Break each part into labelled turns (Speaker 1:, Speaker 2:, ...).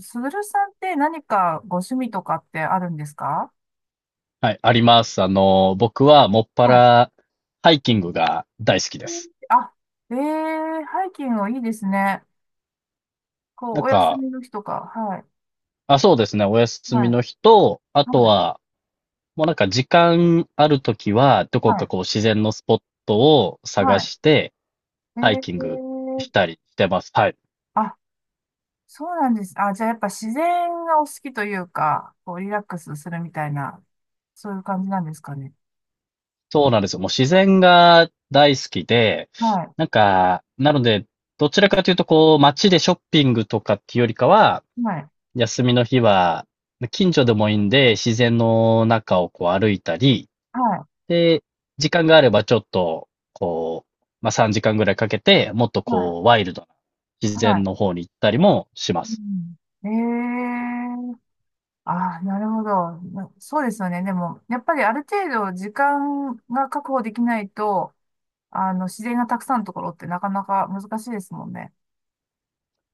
Speaker 1: すぐるさんって何かご趣味とかってあるんですか？
Speaker 2: はい、あります。僕はもっぱ
Speaker 1: はい。
Speaker 2: らハイキングが大好きです。
Speaker 1: あ、えー、ハイキングいいですね。こう、
Speaker 2: なん
Speaker 1: お休
Speaker 2: か、
Speaker 1: みの日とか。はい。
Speaker 2: あ、そうですね、お休
Speaker 1: は
Speaker 2: み
Speaker 1: い。
Speaker 2: の日と、あと
Speaker 1: はい。
Speaker 2: は、もう時間あるときは、ど
Speaker 1: は
Speaker 2: こか
Speaker 1: い。
Speaker 2: こう自然のスポットを探
Speaker 1: はい。
Speaker 2: して、ハイ
Speaker 1: え
Speaker 2: キングし
Speaker 1: ー、
Speaker 2: たりしてます。はい。
Speaker 1: あ、そうなんです。あ、じゃあやっぱ自然がお好きというか、こう、リラックスするみたいな、そういう感じなんですかね。
Speaker 2: そうなんですよ。もう自然が大好きで、
Speaker 1: はい。
Speaker 2: なので、どちらかというとこう街でショッピングとかっていうよりかは、
Speaker 1: はい。
Speaker 2: 休みの日は、近所でもいいんで、自然の中をこう歩いたり、
Speaker 1: はい。
Speaker 2: で、時間があればちょっと、こう、まあ、3時間ぐらいかけて、もっと
Speaker 1: はい。
Speaker 2: こう、ワイルドな自
Speaker 1: は
Speaker 2: 然
Speaker 1: い。
Speaker 2: の方に行ったりもしま
Speaker 1: う
Speaker 2: す。
Speaker 1: ん、えああ、なるほど。なそうですよね。でも、やっぱりある程度時間が確保できないと、自然がたくさんのところってなかなか難しいですもんね。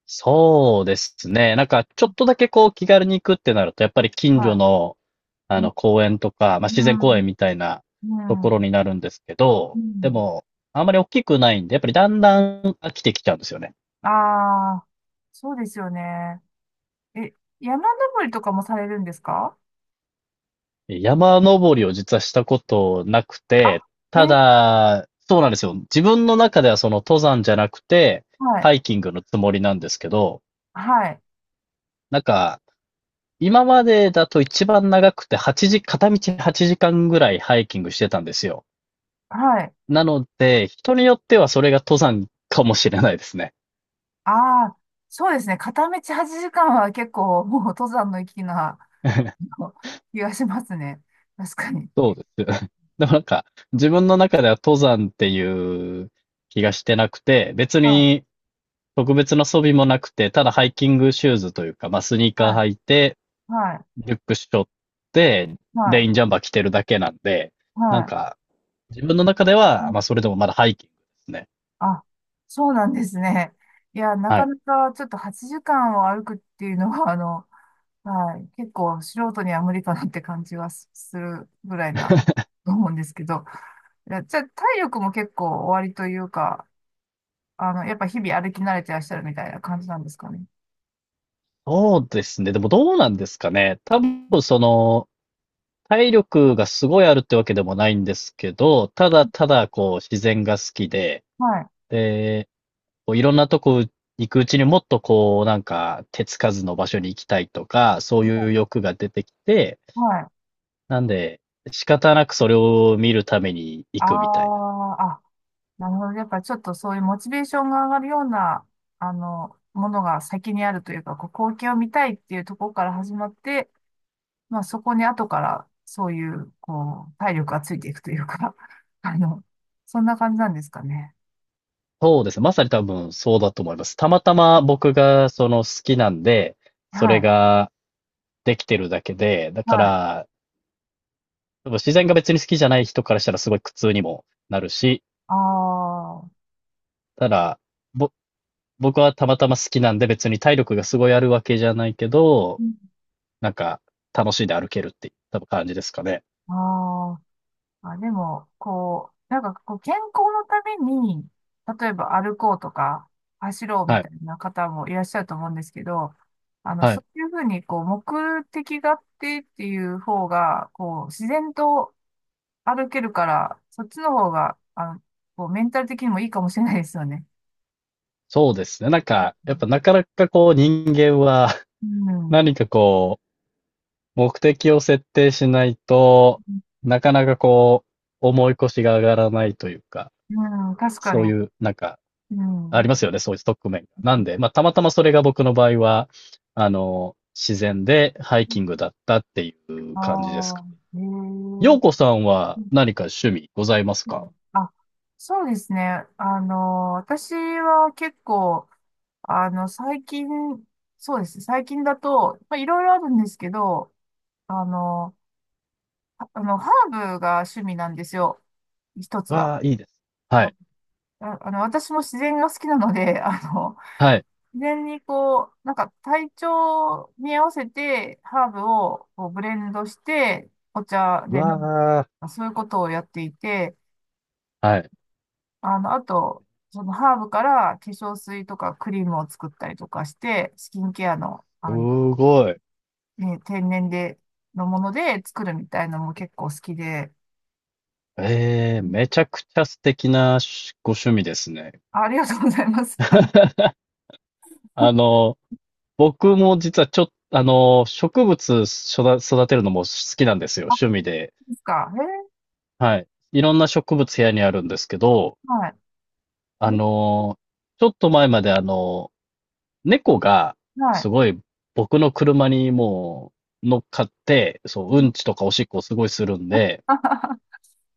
Speaker 2: そうですね。ちょっとだけこう、気軽に行くってなると、やっぱり近所
Speaker 1: は
Speaker 2: の、
Speaker 1: い。う
Speaker 2: 公園とか、まあ、自然
Speaker 1: ん、
Speaker 2: 公
Speaker 1: う
Speaker 2: 園みたいなところ
Speaker 1: ん、
Speaker 2: になるんですけ
Speaker 1: う
Speaker 2: ど、で
Speaker 1: ん。
Speaker 2: も、あんまり大きくないんで、やっぱりだんだん飽きてきちゃうんですよね。
Speaker 1: ああ、そうですよね。え、山登りとかもされるんですか？
Speaker 2: 山登りを実はしたことなく
Speaker 1: あ、
Speaker 2: て、た
Speaker 1: ね、
Speaker 2: だ、そうなんですよ。自分の中ではその登山じゃなくて、
Speaker 1: はい、
Speaker 2: ハイキングのつもりなんですけど、
Speaker 1: はい、
Speaker 2: なんか、今までだと一番長くて8時、片道8時間ぐらいハイキングしてたんですよ。
Speaker 1: はい。
Speaker 2: なので、人によってはそれが登山かもしれないですね。
Speaker 1: ああ、そうですね。片道8時間は結構もう登山の域なあ の気がしますね。確かに。
Speaker 2: そうです。でも自分の中では登山っていう気がしてなくて、別
Speaker 1: は
Speaker 2: に
Speaker 1: い、
Speaker 2: 特別な装備もなくて、ただハイキングシューズというか、まあ、スニーカー
Speaker 1: はい、
Speaker 2: 履いて、
Speaker 1: はい、
Speaker 2: リュックしょって、
Speaker 1: は
Speaker 2: レ
Speaker 1: い、
Speaker 2: インジャンバー着てるだけなんで、なん
Speaker 1: は
Speaker 2: か、自分の中で
Speaker 1: い。う
Speaker 2: は、
Speaker 1: ん、
Speaker 2: まあ、それでもまだハイキングですね。
Speaker 1: あ、そうなんですね。いや、な
Speaker 2: は
Speaker 1: か
Speaker 2: い。
Speaker 1: なかちょっと8時間を歩くっていうのは、はい、結構素人には無理かなって感じはすするぐらいな、と思うんですけど。いや、じゃあ、体力も結構おありというか、やっぱ日々歩き慣れてらっしゃるみたいな感じなんですかね。
Speaker 2: そうですね。でもどうなんですかね。多分、その、体力がすごいあるってわけでもないんですけど、ただただ、こう、自然が好きで、
Speaker 1: はい、
Speaker 2: で、こういろんなとこ行くうちにもっとこう、手つかずの場所に行きたいとか、そういう欲が出てきて、
Speaker 1: はい。
Speaker 2: なんで、仕方なくそれを見るために
Speaker 1: あ
Speaker 2: 行くみたいな。
Speaker 1: ーあ、なるほど。やっぱちょっとそういうモチベーションが上がるような、ものが先にあるというか、こう、光景を見たいっていうところから始まって、まあそこに後からそういう、こう、体力がついていくというか、あの、そんな感じなんですかね。
Speaker 2: そうですね。まさに多分そうだと思います。たまたま僕がその好きなんで、そ
Speaker 1: は
Speaker 2: れ
Speaker 1: い。
Speaker 2: ができてるだけで、だか
Speaker 1: はい。
Speaker 2: ら、多分自然が別に好きじゃない人からしたらすごい苦痛にもなるし、
Speaker 1: ああ。
Speaker 2: ただ、ぼ、僕はたまたま好きなんで別に体力がすごいあるわけじゃないけど、
Speaker 1: うん、
Speaker 2: なんか楽しんで歩けるって多分感じですかね。
Speaker 1: ああ。あ、でも、こう、なんかこう健康のために、例えば歩こうとか、走ろうみ
Speaker 2: は
Speaker 1: た
Speaker 2: い。
Speaker 1: いな方もいらっしゃると思うんですけど、
Speaker 2: は
Speaker 1: そ
Speaker 2: い。
Speaker 1: ういうふうに、こう、目的があってっていう方が、こう、自然と歩けるから、そっちの方が、こう、メンタル的にもいいかもしれないですよね。
Speaker 2: そうですね。やっぱなかなかこう人間は
Speaker 1: うん。
Speaker 2: 何かこう、目的を設定しないと、なかなかこう、思い越しが上がらないというか、
Speaker 1: うん、確か
Speaker 2: そう
Speaker 1: に。
Speaker 2: いう、
Speaker 1: う
Speaker 2: あり
Speaker 1: ん。
Speaker 2: ますよね、そういう側面が。なんで、まあ、たまたまそれが僕の場合は、自然でハイキングだったっていう
Speaker 1: あ
Speaker 2: 感じですか。
Speaker 1: あ、へえ。
Speaker 2: ようこさんは何か趣味ございます
Speaker 1: う
Speaker 2: か？
Speaker 1: ん、あ、そうですね。私は結構、あの、最近、そうですね。最近だと、まあ、いろいろあるんですけど、あの、ハーブが趣味なんですよ。一つは。
Speaker 2: わあ、いいです。は
Speaker 1: あ、
Speaker 2: い、
Speaker 1: 私も自然が好きなので、
Speaker 2: はい、
Speaker 1: 自然にこう、なんか体調に合わせて、ハーブをこうブレンドして、お茶で飲む。
Speaker 2: わ
Speaker 1: そういうことをやっていて、
Speaker 2: あ、はい。
Speaker 1: あと、そのハーブから化粧水とかクリームを作ったりとかして、スキンケアの、あ
Speaker 2: す
Speaker 1: のね、
Speaker 2: ごい。
Speaker 1: ね天然で、のもので作るみたいのも結構好きで、
Speaker 2: え
Speaker 1: う
Speaker 2: え、
Speaker 1: ん、
Speaker 2: めちゃくちゃ素敵なご趣味ですね。
Speaker 1: ありがとうございます。あ、で
Speaker 2: あの、僕も実はちょっと植物育てるのも好きなんですよ、趣味で。
Speaker 1: すか。えー、
Speaker 2: はい。いろんな植物部屋にあるんですけど、
Speaker 1: はい。
Speaker 2: あの、ちょっと前まで猫が、
Speaker 1: え、はい。
Speaker 2: すごい僕の車に乗っかって、そう、うんちとかおしっこをすごいするんで、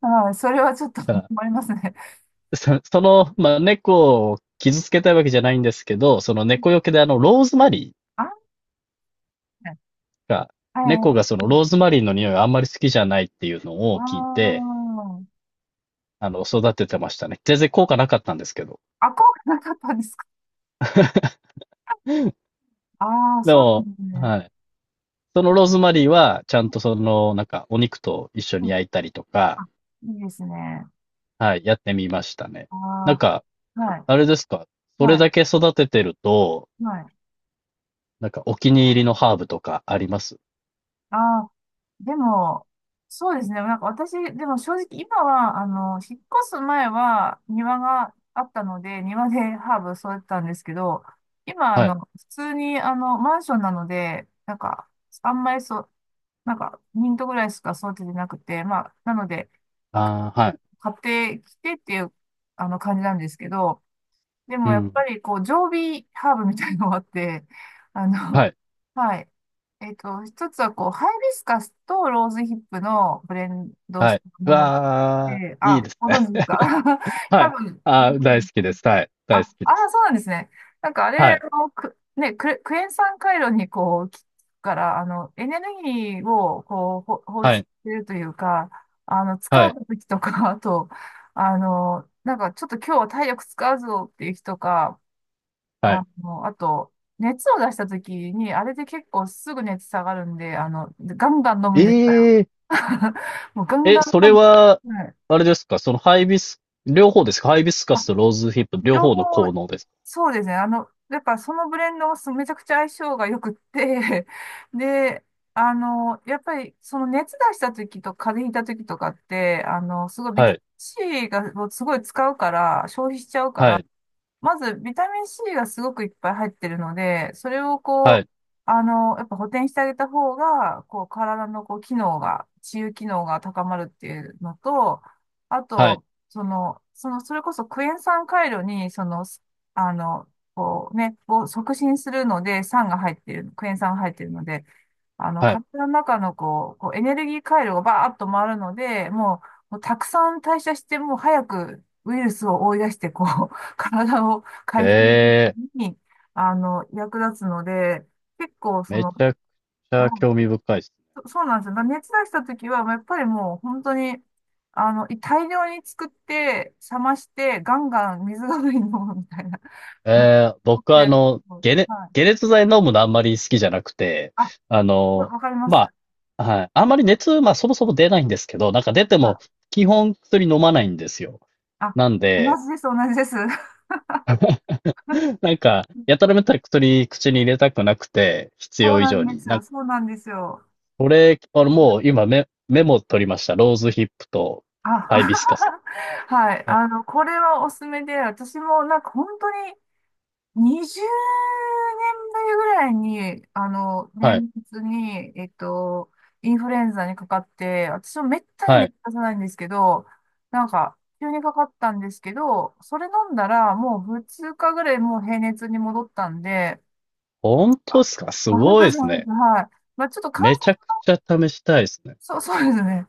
Speaker 1: はい。それはちょっと
Speaker 2: あ
Speaker 1: 困りますね。
Speaker 2: その、まあ、猫を傷つけたいわけじゃないんですけど、その猫よけでローズマリ
Speaker 1: あ、はい。
Speaker 2: ーが、
Speaker 1: は
Speaker 2: 猫がそ
Speaker 1: い。う
Speaker 2: のローズ
Speaker 1: ん。
Speaker 2: マリーの匂いをあんまり好きじゃないっていうの
Speaker 1: あ
Speaker 2: を聞いて、
Speaker 1: ー、
Speaker 2: 育ててましたね。全然効果なかったんですけど。
Speaker 1: あ、効果なかったんですか？ ああ、ー、
Speaker 2: で
Speaker 1: そうで
Speaker 2: も、
Speaker 1: すね。
Speaker 2: はい。そのローズマリーは、ちゃんとその、お肉と一緒
Speaker 1: う
Speaker 2: に
Speaker 1: ん、
Speaker 2: 焼いたりとか、
Speaker 1: あ、いいですね。
Speaker 2: はい、やってみましたね。
Speaker 1: あ
Speaker 2: なんか、
Speaker 1: あ、はい。
Speaker 2: あれですか、それ
Speaker 1: はい。
Speaker 2: だけ育ててると、
Speaker 1: はい。
Speaker 2: お気に入りのハーブとかあります？
Speaker 1: ああ、でも、そうですね。なんか私、でも正直今は、引っ越す前は庭があったので、庭でハーブ育てたんですけど、今、
Speaker 2: はい。
Speaker 1: 普通に、マンションなので、なんか、あんまりそう、なんか、ミントぐらいしか育ててなくて、まあ、なので、
Speaker 2: ああ、はい。
Speaker 1: 買ってきてっていう、感じなんですけど、で
Speaker 2: う
Speaker 1: もやっ
Speaker 2: ん。
Speaker 1: ぱりこう、常備ハーブみたいのがあって、あ
Speaker 2: は
Speaker 1: の、
Speaker 2: い。
Speaker 1: はい。一つはこう、ハイビスカスとローズヒップのブレンド
Speaker 2: は
Speaker 1: した
Speaker 2: い。う
Speaker 1: ものがあっ
Speaker 2: わあ、
Speaker 1: て、
Speaker 2: い
Speaker 1: あ、
Speaker 2: いです
Speaker 1: ご
Speaker 2: ね。
Speaker 1: 存知ですか？
Speaker 2: は
Speaker 1: 多
Speaker 2: い。
Speaker 1: 分、
Speaker 2: あ
Speaker 1: ご存知
Speaker 2: あ、大好き
Speaker 1: で
Speaker 2: です。
Speaker 1: す。
Speaker 2: はい。
Speaker 1: あ、
Speaker 2: 大
Speaker 1: あ
Speaker 2: 好きで
Speaker 1: あ、
Speaker 2: す。
Speaker 1: そうなんですね。なんかあ
Speaker 2: は
Speaker 1: れ
Speaker 2: い。
Speaker 1: をく、ね、ク、クエン酸回路にこう、効くから、エネルギーをこう、ほ放出
Speaker 2: は
Speaker 1: し
Speaker 2: い。
Speaker 1: てるというか、疲
Speaker 2: は
Speaker 1: れ
Speaker 2: い。
Speaker 1: た時とか、あと、なんかちょっと今日は体力使うぞっていう日とか、
Speaker 2: はい。
Speaker 1: あと、熱を出した時に、あれで結構すぐ熱下がるんで、ガンガン飲む
Speaker 2: え
Speaker 1: んですから。
Speaker 2: え、
Speaker 1: もうガン
Speaker 2: え、
Speaker 1: ガン
Speaker 2: そ
Speaker 1: 飲
Speaker 2: れ
Speaker 1: む。
Speaker 2: は、あれですか、そのハイビス、両方ですか？ハイビスカスとローズヒップ、両
Speaker 1: 情
Speaker 2: 方
Speaker 1: 報、
Speaker 2: の効能です
Speaker 1: そうですね。やっぱそのブレンドはすめちゃくちゃ相性が良くって、で、やっぱりその熱出した時と風邪ひいた時とかって、すごい
Speaker 2: か？
Speaker 1: ビ
Speaker 2: は
Speaker 1: タミン
Speaker 2: い、
Speaker 1: C がもうすごい使うから、消費しちゃうか
Speaker 2: は
Speaker 1: ら、
Speaker 2: い、
Speaker 1: まず、ビタミン C がすごくいっぱい入ってるので、それをこ
Speaker 2: は
Speaker 1: う、
Speaker 2: い、
Speaker 1: やっぱ補填してあげた方が、こう、体のこう、機能が、治癒機能が高まるっていうのと、あ
Speaker 2: はい、
Speaker 1: と、その、その、それこそクエン酸回路に、その、あの、こうね、を促進するので、酸が入ってる、クエン酸が入ってるので、
Speaker 2: はい。
Speaker 1: 体の中のこう、こうエネルギー回路がバーッと回るので、もう、もうたくさん代謝して、もう早くウイルスを追い出して、こう、体を回復
Speaker 2: ええ、
Speaker 1: に、役立つので、結構そ
Speaker 2: めち
Speaker 1: の、
Speaker 2: ゃくち
Speaker 1: は
Speaker 2: ゃ興
Speaker 1: い、
Speaker 2: 味深いです。
Speaker 1: そそうなんですよ。だから熱出した時は、まあやっぱりもう本当に、い大量に作って、冷まして、ガンガン水代わりに飲むみたいな。
Speaker 2: ええ、
Speaker 1: 取っ
Speaker 2: 僕
Speaker 1: て
Speaker 2: は
Speaker 1: やると、はい。
Speaker 2: 解熱剤飲むのあんまり好きじゃなくて、
Speaker 1: あ、
Speaker 2: あ
Speaker 1: わ
Speaker 2: の、
Speaker 1: わかります。
Speaker 2: まあ、はい、あんまり熱、まあそもそも出ないんですけど、なんか出て
Speaker 1: はい。
Speaker 2: も基本薬飲まないんですよ。
Speaker 1: あ、
Speaker 2: なん
Speaker 1: 同
Speaker 2: で、
Speaker 1: じです、同じです。
Speaker 2: や たらめったら薬口に入れたくなくて、必
Speaker 1: そう
Speaker 2: 要以
Speaker 1: なん
Speaker 2: 上
Speaker 1: で
Speaker 2: に。
Speaker 1: す
Speaker 2: な
Speaker 1: よ、
Speaker 2: ん、
Speaker 1: そうなんですよ。
Speaker 2: これ、もう今メモ取りました。ローズヒップと
Speaker 1: あ、
Speaker 2: ハイビスカス。
Speaker 1: はい。
Speaker 2: あ、
Speaker 1: これはおすすめで、私もなんか本当に20年ぶりぐらいに、
Speaker 2: はい。
Speaker 1: 年末に、インフルエンザにかかって、私もめったに
Speaker 2: は
Speaker 1: 熱
Speaker 2: い。
Speaker 1: 出さないんですけど、なんか、急にかかったんですけど、それ飲んだら、もう2日ぐらいもう平熱に戻ったんで、
Speaker 2: 本当ですか？す
Speaker 1: あ、本
Speaker 2: ご
Speaker 1: 当
Speaker 2: い
Speaker 1: で
Speaker 2: で
Speaker 1: す、
Speaker 2: す
Speaker 1: 本当です、
Speaker 2: ね。
Speaker 1: はい。まあ、ちょっと関
Speaker 2: めちゃく
Speaker 1: 節、
Speaker 2: ちゃ試したいですね。
Speaker 1: そう、そうですね。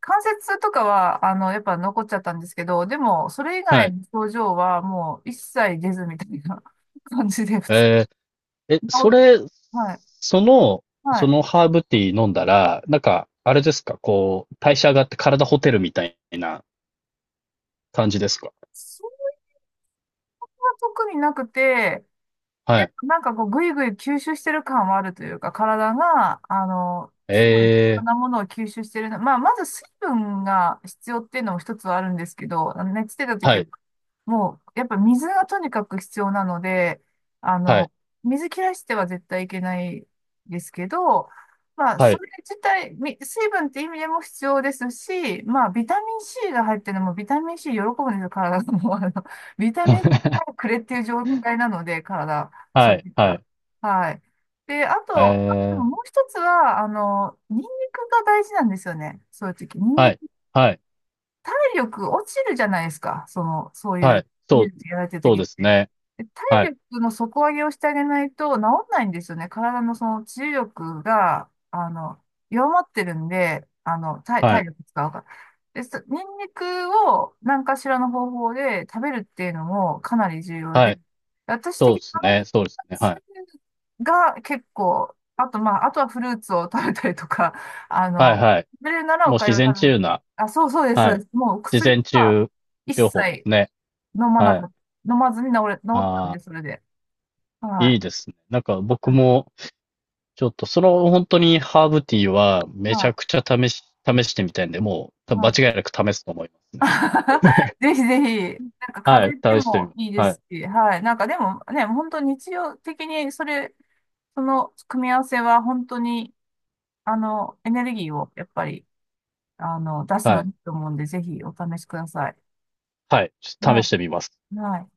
Speaker 1: 関節痛とかは、やっぱ残っちゃったんですけど、でも、それ以
Speaker 2: は
Speaker 1: 外
Speaker 2: い。
Speaker 1: の症状はもう一切出ずみたいな 感じで、普通
Speaker 2: えー、え、
Speaker 1: に治
Speaker 2: そ
Speaker 1: っ、
Speaker 2: れ、
Speaker 1: はい、
Speaker 2: その、
Speaker 1: は
Speaker 2: そ
Speaker 1: い。
Speaker 2: のハーブティー飲んだら、あれですかこう、代謝上がって体ホテルみたいな感じですか？
Speaker 1: そんな特になくて、
Speaker 2: は
Speaker 1: で
Speaker 2: い。
Speaker 1: もなんかこう、ぐいぐい吸収してる感はあるというか、体が、すごい、いろ
Speaker 2: えー、
Speaker 1: んなものを吸収してるな。まあ、まず水分が必要っていうのも一つはあるんですけど、熱出た
Speaker 2: は
Speaker 1: 時は
Speaker 2: い、
Speaker 1: もう、やっぱ水がとにかく必要なので、あ
Speaker 2: はい、
Speaker 1: の、水切らしては絶対いけないですけど、まあ、
Speaker 2: は
Speaker 1: そ
Speaker 2: い。
Speaker 1: れ自体、み水分って意味でも必要ですし、まあ、ビタミン C が入ってるのも、ビタミン C 喜ぶんですよ、体が。もう、ビタミン C を くれっていう状態なので、体、そ
Speaker 2: は
Speaker 1: う
Speaker 2: い、
Speaker 1: いっ
Speaker 2: は
Speaker 1: た、
Speaker 2: い。
Speaker 1: はい。で、あ
Speaker 2: え
Speaker 1: と、でも
Speaker 2: ー、
Speaker 1: もう一つは、ニンニクが大事なんですよね。そういう時。ニン
Speaker 2: は
Speaker 1: ニ
Speaker 2: い、
Speaker 1: ク
Speaker 2: はい、
Speaker 1: 体力落ちるじゃないですか。その、そうい
Speaker 2: は
Speaker 1: う、
Speaker 2: い。
Speaker 1: 技
Speaker 2: そう、
Speaker 1: 術やられてる
Speaker 2: そう
Speaker 1: 時っ
Speaker 2: です
Speaker 1: て。
Speaker 2: ね。
Speaker 1: で体
Speaker 2: はい、
Speaker 1: 力の底上げをしてあげないと治んないんですよね。体のその治癒力が、弱まってるんで、体、
Speaker 2: は
Speaker 1: 体
Speaker 2: い、
Speaker 1: 力使うから。で、そニンニクを何かしらの方法で食べるっていうのもかなり重要
Speaker 2: はい。
Speaker 1: で、私
Speaker 2: そ
Speaker 1: 的
Speaker 2: う
Speaker 1: に
Speaker 2: です
Speaker 1: あのふ
Speaker 2: ね、そうです
Speaker 1: た
Speaker 2: ね、
Speaker 1: つ
Speaker 2: はい。
Speaker 1: が結構、あとまあ、あとはフルーツを食べたりとか、あ
Speaker 2: はい、
Speaker 1: の、
Speaker 2: はい。
Speaker 1: 食べれるなら
Speaker 2: も
Speaker 1: お
Speaker 2: う
Speaker 1: 粥
Speaker 2: 自
Speaker 1: を食
Speaker 2: 然
Speaker 1: べ
Speaker 2: 治
Speaker 1: る、
Speaker 2: 癒な、
Speaker 1: あ、そうそうです、そ
Speaker 2: は
Speaker 1: う
Speaker 2: い。
Speaker 1: です。もう
Speaker 2: 自
Speaker 1: 薬
Speaker 2: 然治
Speaker 1: は
Speaker 2: 癒
Speaker 1: 一
Speaker 2: 療法で
Speaker 1: 切
Speaker 2: すね。
Speaker 1: 飲まな
Speaker 2: は
Speaker 1: か
Speaker 2: い。
Speaker 1: った、飲まずに治れ、治ったん
Speaker 2: あ
Speaker 1: で、
Speaker 2: あ、
Speaker 1: それで。は
Speaker 2: いい
Speaker 1: い。
Speaker 2: ですね。なんか
Speaker 1: は
Speaker 2: 僕
Speaker 1: い。
Speaker 2: も、ちょっとその本当にハーブティーはめち
Speaker 1: は
Speaker 2: ゃ
Speaker 1: い。
Speaker 2: くちゃ試してみたいんで、もう多分
Speaker 1: はい。
Speaker 2: 間違いなく試すと思いますね。
Speaker 1: ぜひぜひ、なんか風
Speaker 2: はい、
Speaker 1: 邪って
Speaker 2: 試してみ
Speaker 1: も
Speaker 2: ます。
Speaker 1: いいで
Speaker 2: はい、
Speaker 1: すし、はい。なんかでもね、本当日常的にそれ、その組み合わせは本当に、エネルギーをやっぱり、出す
Speaker 2: は
Speaker 1: の
Speaker 2: い、
Speaker 1: にいいと思うんで、ぜひお試しください。
Speaker 2: はい、試
Speaker 1: は
Speaker 2: してみます。
Speaker 1: い。はい。